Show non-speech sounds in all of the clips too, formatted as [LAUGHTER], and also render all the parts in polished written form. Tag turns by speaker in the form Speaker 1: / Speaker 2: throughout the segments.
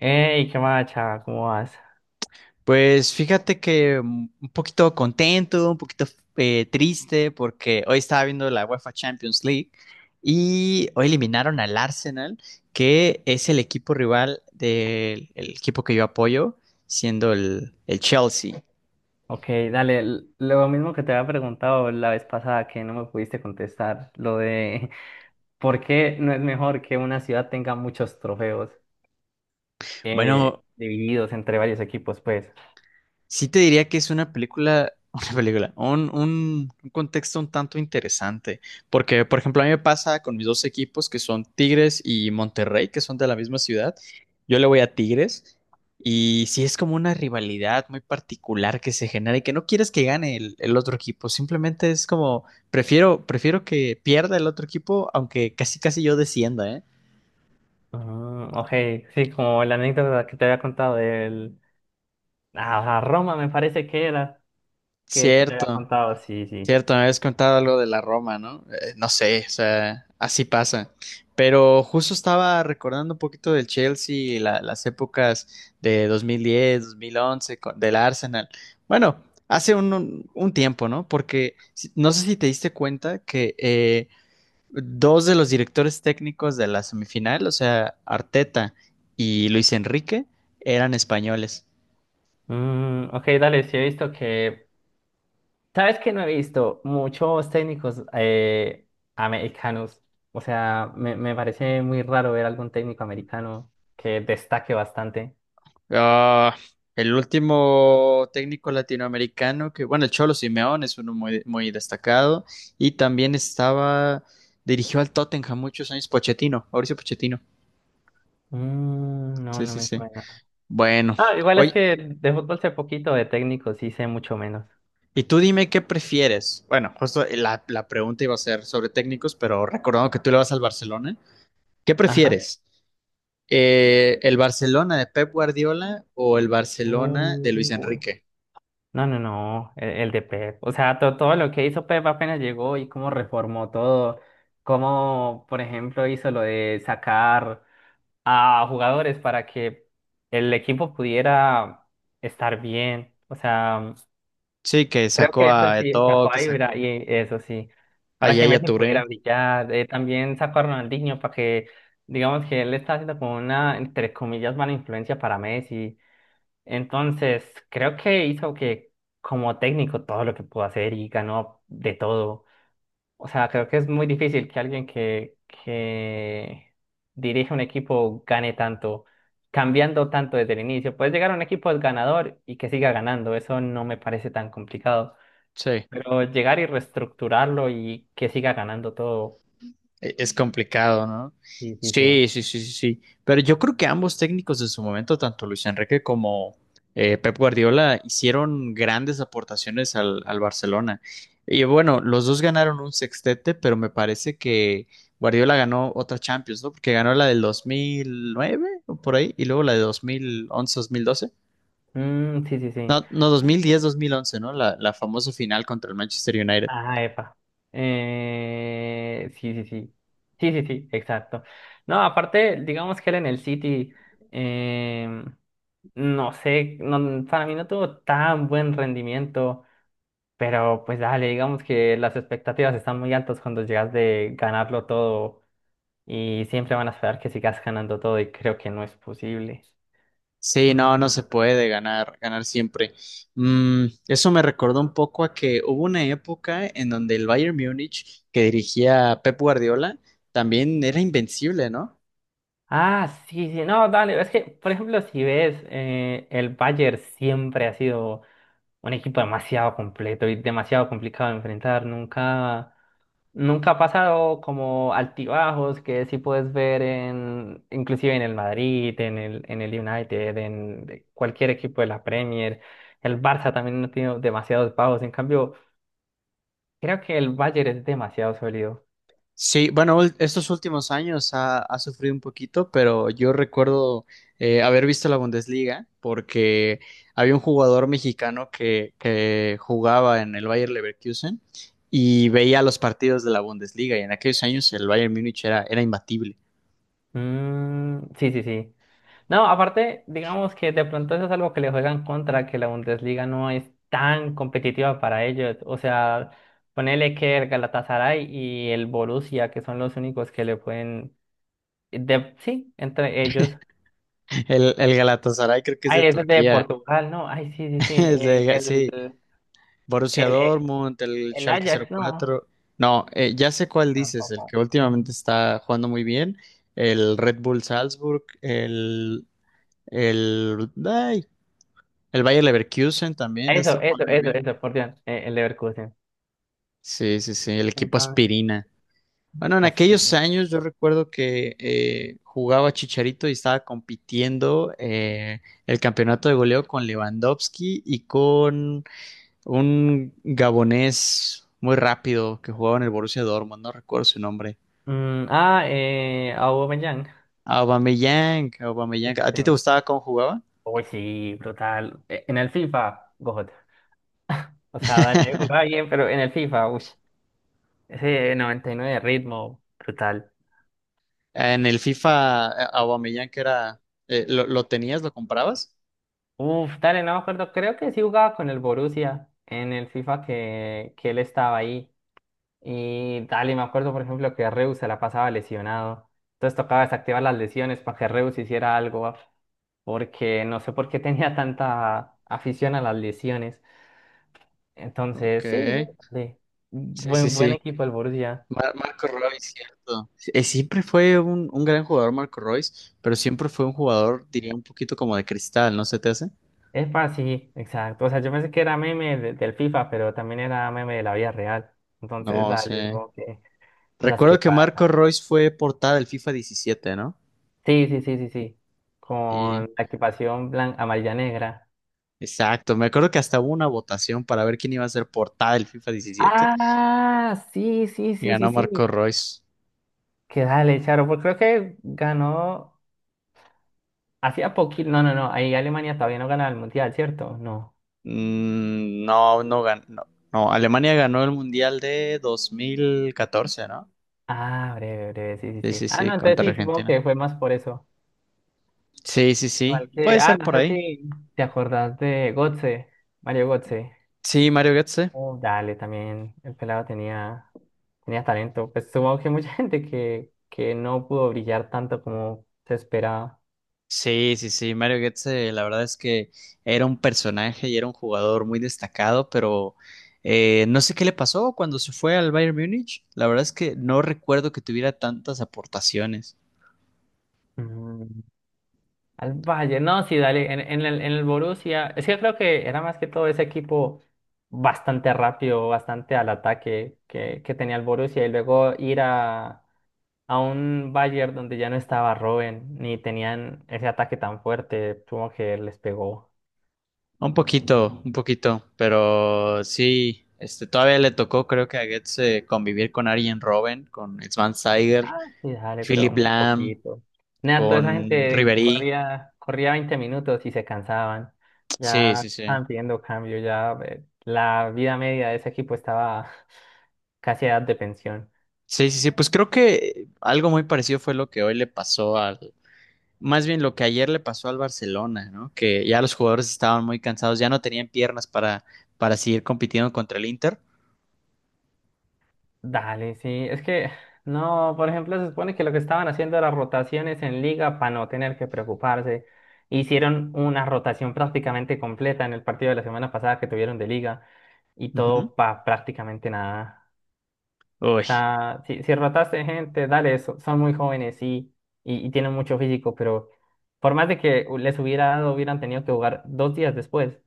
Speaker 1: Ey, qué más, chava, ¿cómo vas?
Speaker 2: Pues fíjate que un poquito contento, un poquito triste, porque hoy estaba viendo la UEFA Champions League y hoy eliminaron al Arsenal, que es el equipo rival del el equipo que yo apoyo, siendo el Chelsea.
Speaker 1: Ok, dale, lo mismo que te había preguntado la vez pasada que no me pudiste contestar, lo de [LAUGHS] por qué no es mejor que una ciudad tenga muchos trofeos,
Speaker 2: Bueno,
Speaker 1: divididos entre varios equipos, pues.
Speaker 2: sí te diría que es una película, [LAUGHS] una película, un contexto un tanto interesante, porque por ejemplo a mí me pasa con mis dos equipos que son Tigres y Monterrey, que son de la misma ciudad, yo le voy a Tigres y sí es como una rivalidad muy particular que se genera y que no quieres que gane el otro equipo, simplemente es como, prefiero, prefiero que pierda el otro equipo, aunque casi casi yo descienda, ¿eh?
Speaker 1: Mm, ok, sí, como la anécdota que te había contado del... Ah, Roma me parece que era, que te había
Speaker 2: Cierto.
Speaker 1: contado, sí, sí.
Speaker 2: Cierto, me habías contado algo de la Roma, ¿no? No sé, o sea, así pasa. Pero justo estaba recordando un poquito del Chelsea, y las épocas de 2010, 2011, del Arsenal. Bueno, hace un tiempo, ¿no? Porque no sé si te diste cuenta que dos de los directores técnicos de la semifinal, o sea, Arteta y Luis Enrique, eran españoles.
Speaker 1: Mm, ok, dale, sí he visto que. ¿Sabes que no he visto muchos técnicos americanos? O sea, me parece muy raro ver algún técnico americano que destaque bastante.
Speaker 2: Ah, el último técnico latinoamericano que, bueno, el Cholo Simeone es uno muy, muy destacado y también estaba, dirigió al Tottenham muchos años, Pochettino, Mauricio Pochettino.
Speaker 1: Mm, no,
Speaker 2: Sí,
Speaker 1: no
Speaker 2: sí,
Speaker 1: me
Speaker 2: sí.
Speaker 1: suena.
Speaker 2: Bueno,
Speaker 1: Ah, igual es
Speaker 2: oye,
Speaker 1: que de fútbol sé poquito, de técnicos sí sé mucho menos.
Speaker 2: y tú dime qué prefieres. Bueno, justo la pregunta iba a ser sobre técnicos, pero recordando que tú le vas al Barcelona, ¿qué
Speaker 1: Ajá.
Speaker 2: prefieres? ¿el Barcelona de Pep Guardiola o el Barcelona de Luis
Speaker 1: Uy.
Speaker 2: Enrique?
Speaker 1: No, no, no, el de Pep. O sea, todo lo que hizo Pep apenas llegó y cómo reformó todo. Cómo, por ejemplo, hizo lo de sacar a jugadores para que el equipo pudiera estar bien. O sea,
Speaker 2: Sí, que
Speaker 1: creo
Speaker 2: sacó
Speaker 1: que eso
Speaker 2: a
Speaker 1: sí,
Speaker 2: Eto'o,
Speaker 1: sacó
Speaker 2: que
Speaker 1: a Ibra
Speaker 2: sacó
Speaker 1: y eso sí,
Speaker 2: a
Speaker 1: para que
Speaker 2: Yaya
Speaker 1: Messi
Speaker 2: Touré.
Speaker 1: pudiera brillar. También sacó a Ronaldinho para que, digamos, que él está haciendo como una, entre comillas, mala influencia para Messi. Entonces, creo que hizo, que como técnico, todo lo que pudo hacer y ganó de todo. O sea, creo que es muy difícil que alguien que dirige un equipo gane tanto, cambiando tanto desde el inicio. Puedes llegar a un equipo es ganador y que siga ganando, eso no me parece tan complicado.
Speaker 2: Sí.
Speaker 1: Pero llegar y reestructurarlo y que siga ganando todo,
Speaker 2: Es complicado, ¿no?
Speaker 1: sí, sí, sí.
Speaker 2: Sí, sí, sí, sí, sí. Pero yo creo que ambos técnicos en su momento, tanto Luis Enrique como Pep Guardiola, hicieron grandes aportaciones al Barcelona. Y bueno, los dos ganaron un sextete, pero me parece que Guardiola ganó otra Champions, ¿no? Porque ganó la del 2009 o por ahí, y luego la de dos mil once, dos mil doce.
Speaker 1: Mm, sí, sí, sí.
Speaker 2: No, no, dos mil diez, dos mil once, ¿no? La famosa final contra el Manchester United.
Speaker 1: Ah, epa. Sí, sí, sí. Sí, sí, sí, exacto. No, aparte, digamos que él en el City, em, no sé, para mí no tuvo tan buen rendimiento, pero pues dale, digamos que las expectativas están muy altas cuando llegas de ganarlo todo y siempre van a esperar que sigas ganando todo y creo que no es posible.
Speaker 2: Sí,
Speaker 1: Mm,
Speaker 2: no, no se puede ganar, ganar siempre. Mm, eso me recordó un poco a que hubo una época en donde el Bayern Múnich, que dirigía Pep Guardiola, también era invencible, ¿no?
Speaker 1: ah, sí, sí, no, dale, es que, por ejemplo, si ves, el Bayern siempre ha sido un equipo demasiado completo y demasiado complicado de enfrentar. Nunca, nunca ha pasado como altibajos que sí puedes ver en, inclusive en el Madrid, en el United, en cualquier equipo de la Premier. El Barça también no tiene demasiados bajos. En cambio, creo que el Bayern es demasiado sólido.
Speaker 2: Sí, bueno, estos últimos años ha, ha sufrido un poquito, pero yo recuerdo haber visto la Bundesliga porque había un jugador mexicano que jugaba en el Bayern Leverkusen y veía los partidos de la Bundesliga y en aquellos años el Bayern Múnich era, era imbatible.
Speaker 1: Mm, sí, sí, sí. No, aparte, digamos que de pronto eso es algo que le juegan contra, que la Bundesliga no es tan competitiva para ellos. O sea, ponele que el Galatasaray y el Borussia, que son los únicos que le pueden... sí, entre ellos.
Speaker 2: El Galatasaray creo que es de
Speaker 1: Ay, eso es de
Speaker 2: Turquía.
Speaker 1: Portugal, ¿no? Ay, sí, sí, sí.
Speaker 2: [LAUGHS] El sí, Borussia
Speaker 1: El, eh,
Speaker 2: Dortmund, el
Speaker 1: el
Speaker 2: Schalke cero
Speaker 1: Ajax, no.
Speaker 2: cuatro. No, ya sé cuál dices, el
Speaker 1: Tampoco.
Speaker 2: que últimamente
Speaker 1: Ujú.
Speaker 2: está jugando muy bien, el Red Bull Salzburg, el, ay, el Bayer Leverkusen también
Speaker 1: Eso,
Speaker 2: está
Speaker 1: eso,
Speaker 2: jugando muy
Speaker 1: eso,
Speaker 2: bien.
Speaker 1: eso, por Dios, el Leverkusen.
Speaker 2: Sí, sí, sí, el equipo
Speaker 1: Entonces,
Speaker 2: aspirina. Bueno, en aquellos
Speaker 1: así.
Speaker 2: años yo recuerdo que jugaba Chicharito y estaba compitiendo el campeonato de goleo con Lewandowski y con un gabonés muy rápido que jugaba en el Borussia Dortmund, no recuerdo su nombre.
Speaker 1: Mm, ah, Aubameyang.
Speaker 2: Aubameyang,
Speaker 1: Sí,
Speaker 2: Aubameyang.
Speaker 1: sí,
Speaker 2: ¿A
Speaker 1: sí.
Speaker 2: ti te gustaba cómo jugaba?
Speaker 1: Uy, sí, brutal. En el FIFA, God. O sea, dale, jugaba
Speaker 2: [LAUGHS]
Speaker 1: bien, pero en el FIFA, uy. Ese 99 de ritmo, brutal.
Speaker 2: En el FIFA, Aubameyang que era… ¿Lo tenías? ¿Lo comprabas?
Speaker 1: Uf, dale, no me acuerdo. Creo que sí jugaba con el Borussia en el FIFA que él estaba ahí. Y dale, me acuerdo, por ejemplo, que Reus se la pasaba lesionado. Entonces tocaba desactivar las lesiones para que Reus hiciera algo. Porque no sé por qué tenía tanta afición a las lesiones.
Speaker 2: Ok.
Speaker 1: Entonces, sí, sí, dale.
Speaker 2: Sí, sí,
Speaker 1: Buen, buen
Speaker 2: sí.
Speaker 1: equipo el Borussia.
Speaker 2: Marco Royce, cierto. Sí, eh, siempre fue un gran jugador Marco Royce, pero siempre fue un jugador, diría, un poquito como de cristal, ¿no se te hace?
Speaker 1: Epa, sí, exacto. O sea, yo pensé que era meme del FIFA, pero también era meme de la vida real. Entonces,
Speaker 2: No
Speaker 1: dale,
Speaker 2: sé.
Speaker 1: como que cosas
Speaker 2: Recuerdo
Speaker 1: que
Speaker 2: que Marco
Speaker 1: pasan.
Speaker 2: Royce fue portada del FIFA diecisiete, ¿no?
Speaker 1: Sí, sí, sí, sí, sí. Con
Speaker 2: Sí.
Speaker 1: la equipación blanca, amarilla, negra.
Speaker 2: Exacto, me acuerdo que hasta hubo una votación para ver quién iba a ser portada del FIFA diecisiete
Speaker 1: Ah, sí, sí,
Speaker 2: y
Speaker 1: sí, sí,
Speaker 2: ganó Marco
Speaker 1: sí.
Speaker 2: Royce.
Speaker 1: Que dale, Charo, porque creo que ganó hacía poquito. No, no, no. Ahí Alemania todavía no gana el mundial, ¿cierto? No.
Speaker 2: Mm, no, no ganó. No, no, Alemania ganó el Mundial de 2014, ¿no?
Speaker 1: Ah, breve, breve, sí, sí,
Speaker 2: Sí,
Speaker 1: sí.
Speaker 2: sí,
Speaker 1: Ah,
Speaker 2: sí,
Speaker 1: no, entonces
Speaker 2: contra
Speaker 1: sí, supongo
Speaker 2: Argentina.
Speaker 1: que fue más por eso.
Speaker 2: Sí, sí, sí,
Speaker 1: Igual que,
Speaker 2: puede
Speaker 1: ah,
Speaker 2: ser
Speaker 1: no
Speaker 2: por
Speaker 1: sé
Speaker 2: ahí.
Speaker 1: si te acordás de Gotze, Mario Gotze.
Speaker 2: Sí, Mario Götze.
Speaker 1: Oh, dale, también el pelado tenía, tenía talento. Pues supongo que mucha [LAUGHS] gente que no pudo brillar tanto como se esperaba.
Speaker 2: Sí, sí, sí, Mario Götze, la verdad es que era un personaje y era un jugador muy destacado, pero no sé qué le pasó cuando se fue al Bayern Múnich. La verdad es que no recuerdo que tuviera tantas aportaciones.
Speaker 1: Mm, Al Valle, no, sí, dale, en el Borussia. Es que creo que era más que todo ese equipo bastante rápido, bastante al ataque que tenía el Borussia y luego ir a un Bayern donde ya no estaba Robben, ni tenían ese ataque tan fuerte, supongo que les pegó.
Speaker 2: Un poquito, pero sí, este, todavía le tocó, creo que a Goetz convivir con Arjen Robben, con Sven Saiger,
Speaker 1: Ah, sí, dale, pero
Speaker 2: Philip
Speaker 1: muy
Speaker 2: Lahm,
Speaker 1: poquito. Nada, toda esa
Speaker 2: con
Speaker 1: gente
Speaker 2: Ribery.
Speaker 1: corría, corría 20 minutos y se cansaban.
Speaker 2: Sí,
Speaker 1: Ya
Speaker 2: sí, sí.
Speaker 1: estaban pidiendo cambio, ya, la vida media de ese equipo estaba [LAUGHS] casi a edad de pensión.
Speaker 2: Sí, sí, sí, pues creo que algo muy parecido fue lo que hoy le pasó al, más bien lo que ayer le pasó al Barcelona, ¿no? Que ya los jugadores estaban muy cansados, ya no tenían piernas para seguir compitiendo contra el Inter.
Speaker 1: Dale, sí. Es que, no, por ejemplo, se supone que lo que estaban haciendo era rotaciones en liga para no tener que preocuparse. Hicieron una rotación prácticamente completa en el partido de la semana pasada que tuvieron de liga y
Speaker 2: Ujú.
Speaker 1: todo para prácticamente nada.
Speaker 2: Uy,
Speaker 1: O sea, si, si rotaste gente, dale, son muy jóvenes, sí, y tienen mucho físico, pero por más de que les hubiera dado, hubieran tenido que jugar dos días después.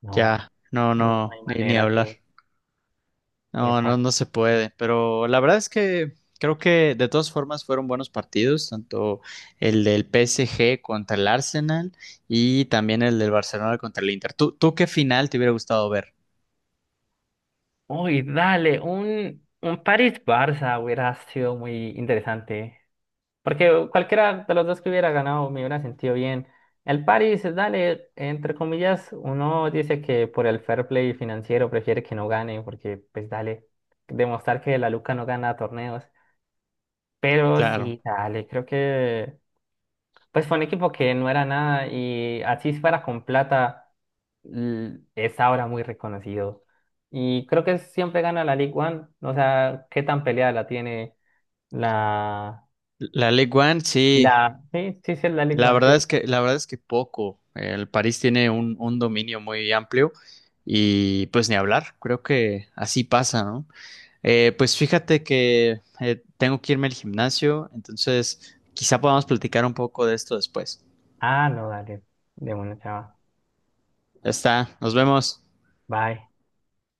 Speaker 1: No,
Speaker 2: ya, no,
Speaker 1: no
Speaker 2: no,
Speaker 1: hay
Speaker 2: ni, ni
Speaker 1: manera, sí.
Speaker 2: hablar. No, no, no se puede, pero la verdad es que creo que de todas formas fueron buenos partidos, tanto el del PSG contra el Arsenal y también el del Barcelona contra el Inter. ¿Tú qué final te hubiera gustado ver?
Speaker 1: Uy, dale, un París-Barça hubiera sido muy interesante. Porque cualquiera de los dos que hubiera ganado me hubiera sentido bien. El París, dale, entre comillas, uno dice que por el fair play financiero prefiere que no gane, porque pues dale, demostrar que la Luca no gana torneos. Pero
Speaker 2: Claro.
Speaker 1: sí, dale, creo que pues fue un equipo que no era nada y así fuera con plata, es ahora muy reconocido. Y creo que siempre gana la League One. O sea, qué tan peleada la tiene la...
Speaker 2: La League One, sí.
Speaker 1: la... Sí, sí, sí, es la League
Speaker 2: La
Speaker 1: One,
Speaker 2: verdad es
Speaker 1: ¿cierto?
Speaker 2: que, la verdad es que poco. El París tiene un dominio muy amplio y pues ni hablar, creo que así pasa, ¿no? Pues fíjate que tengo que irme al gimnasio, entonces quizá podamos platicar un poco de esto después.
Speaker 1: Ah, no, dale. De bueno, chava.
Speaker 2: Ya está, nos vemos.
Speaker 1: Bye.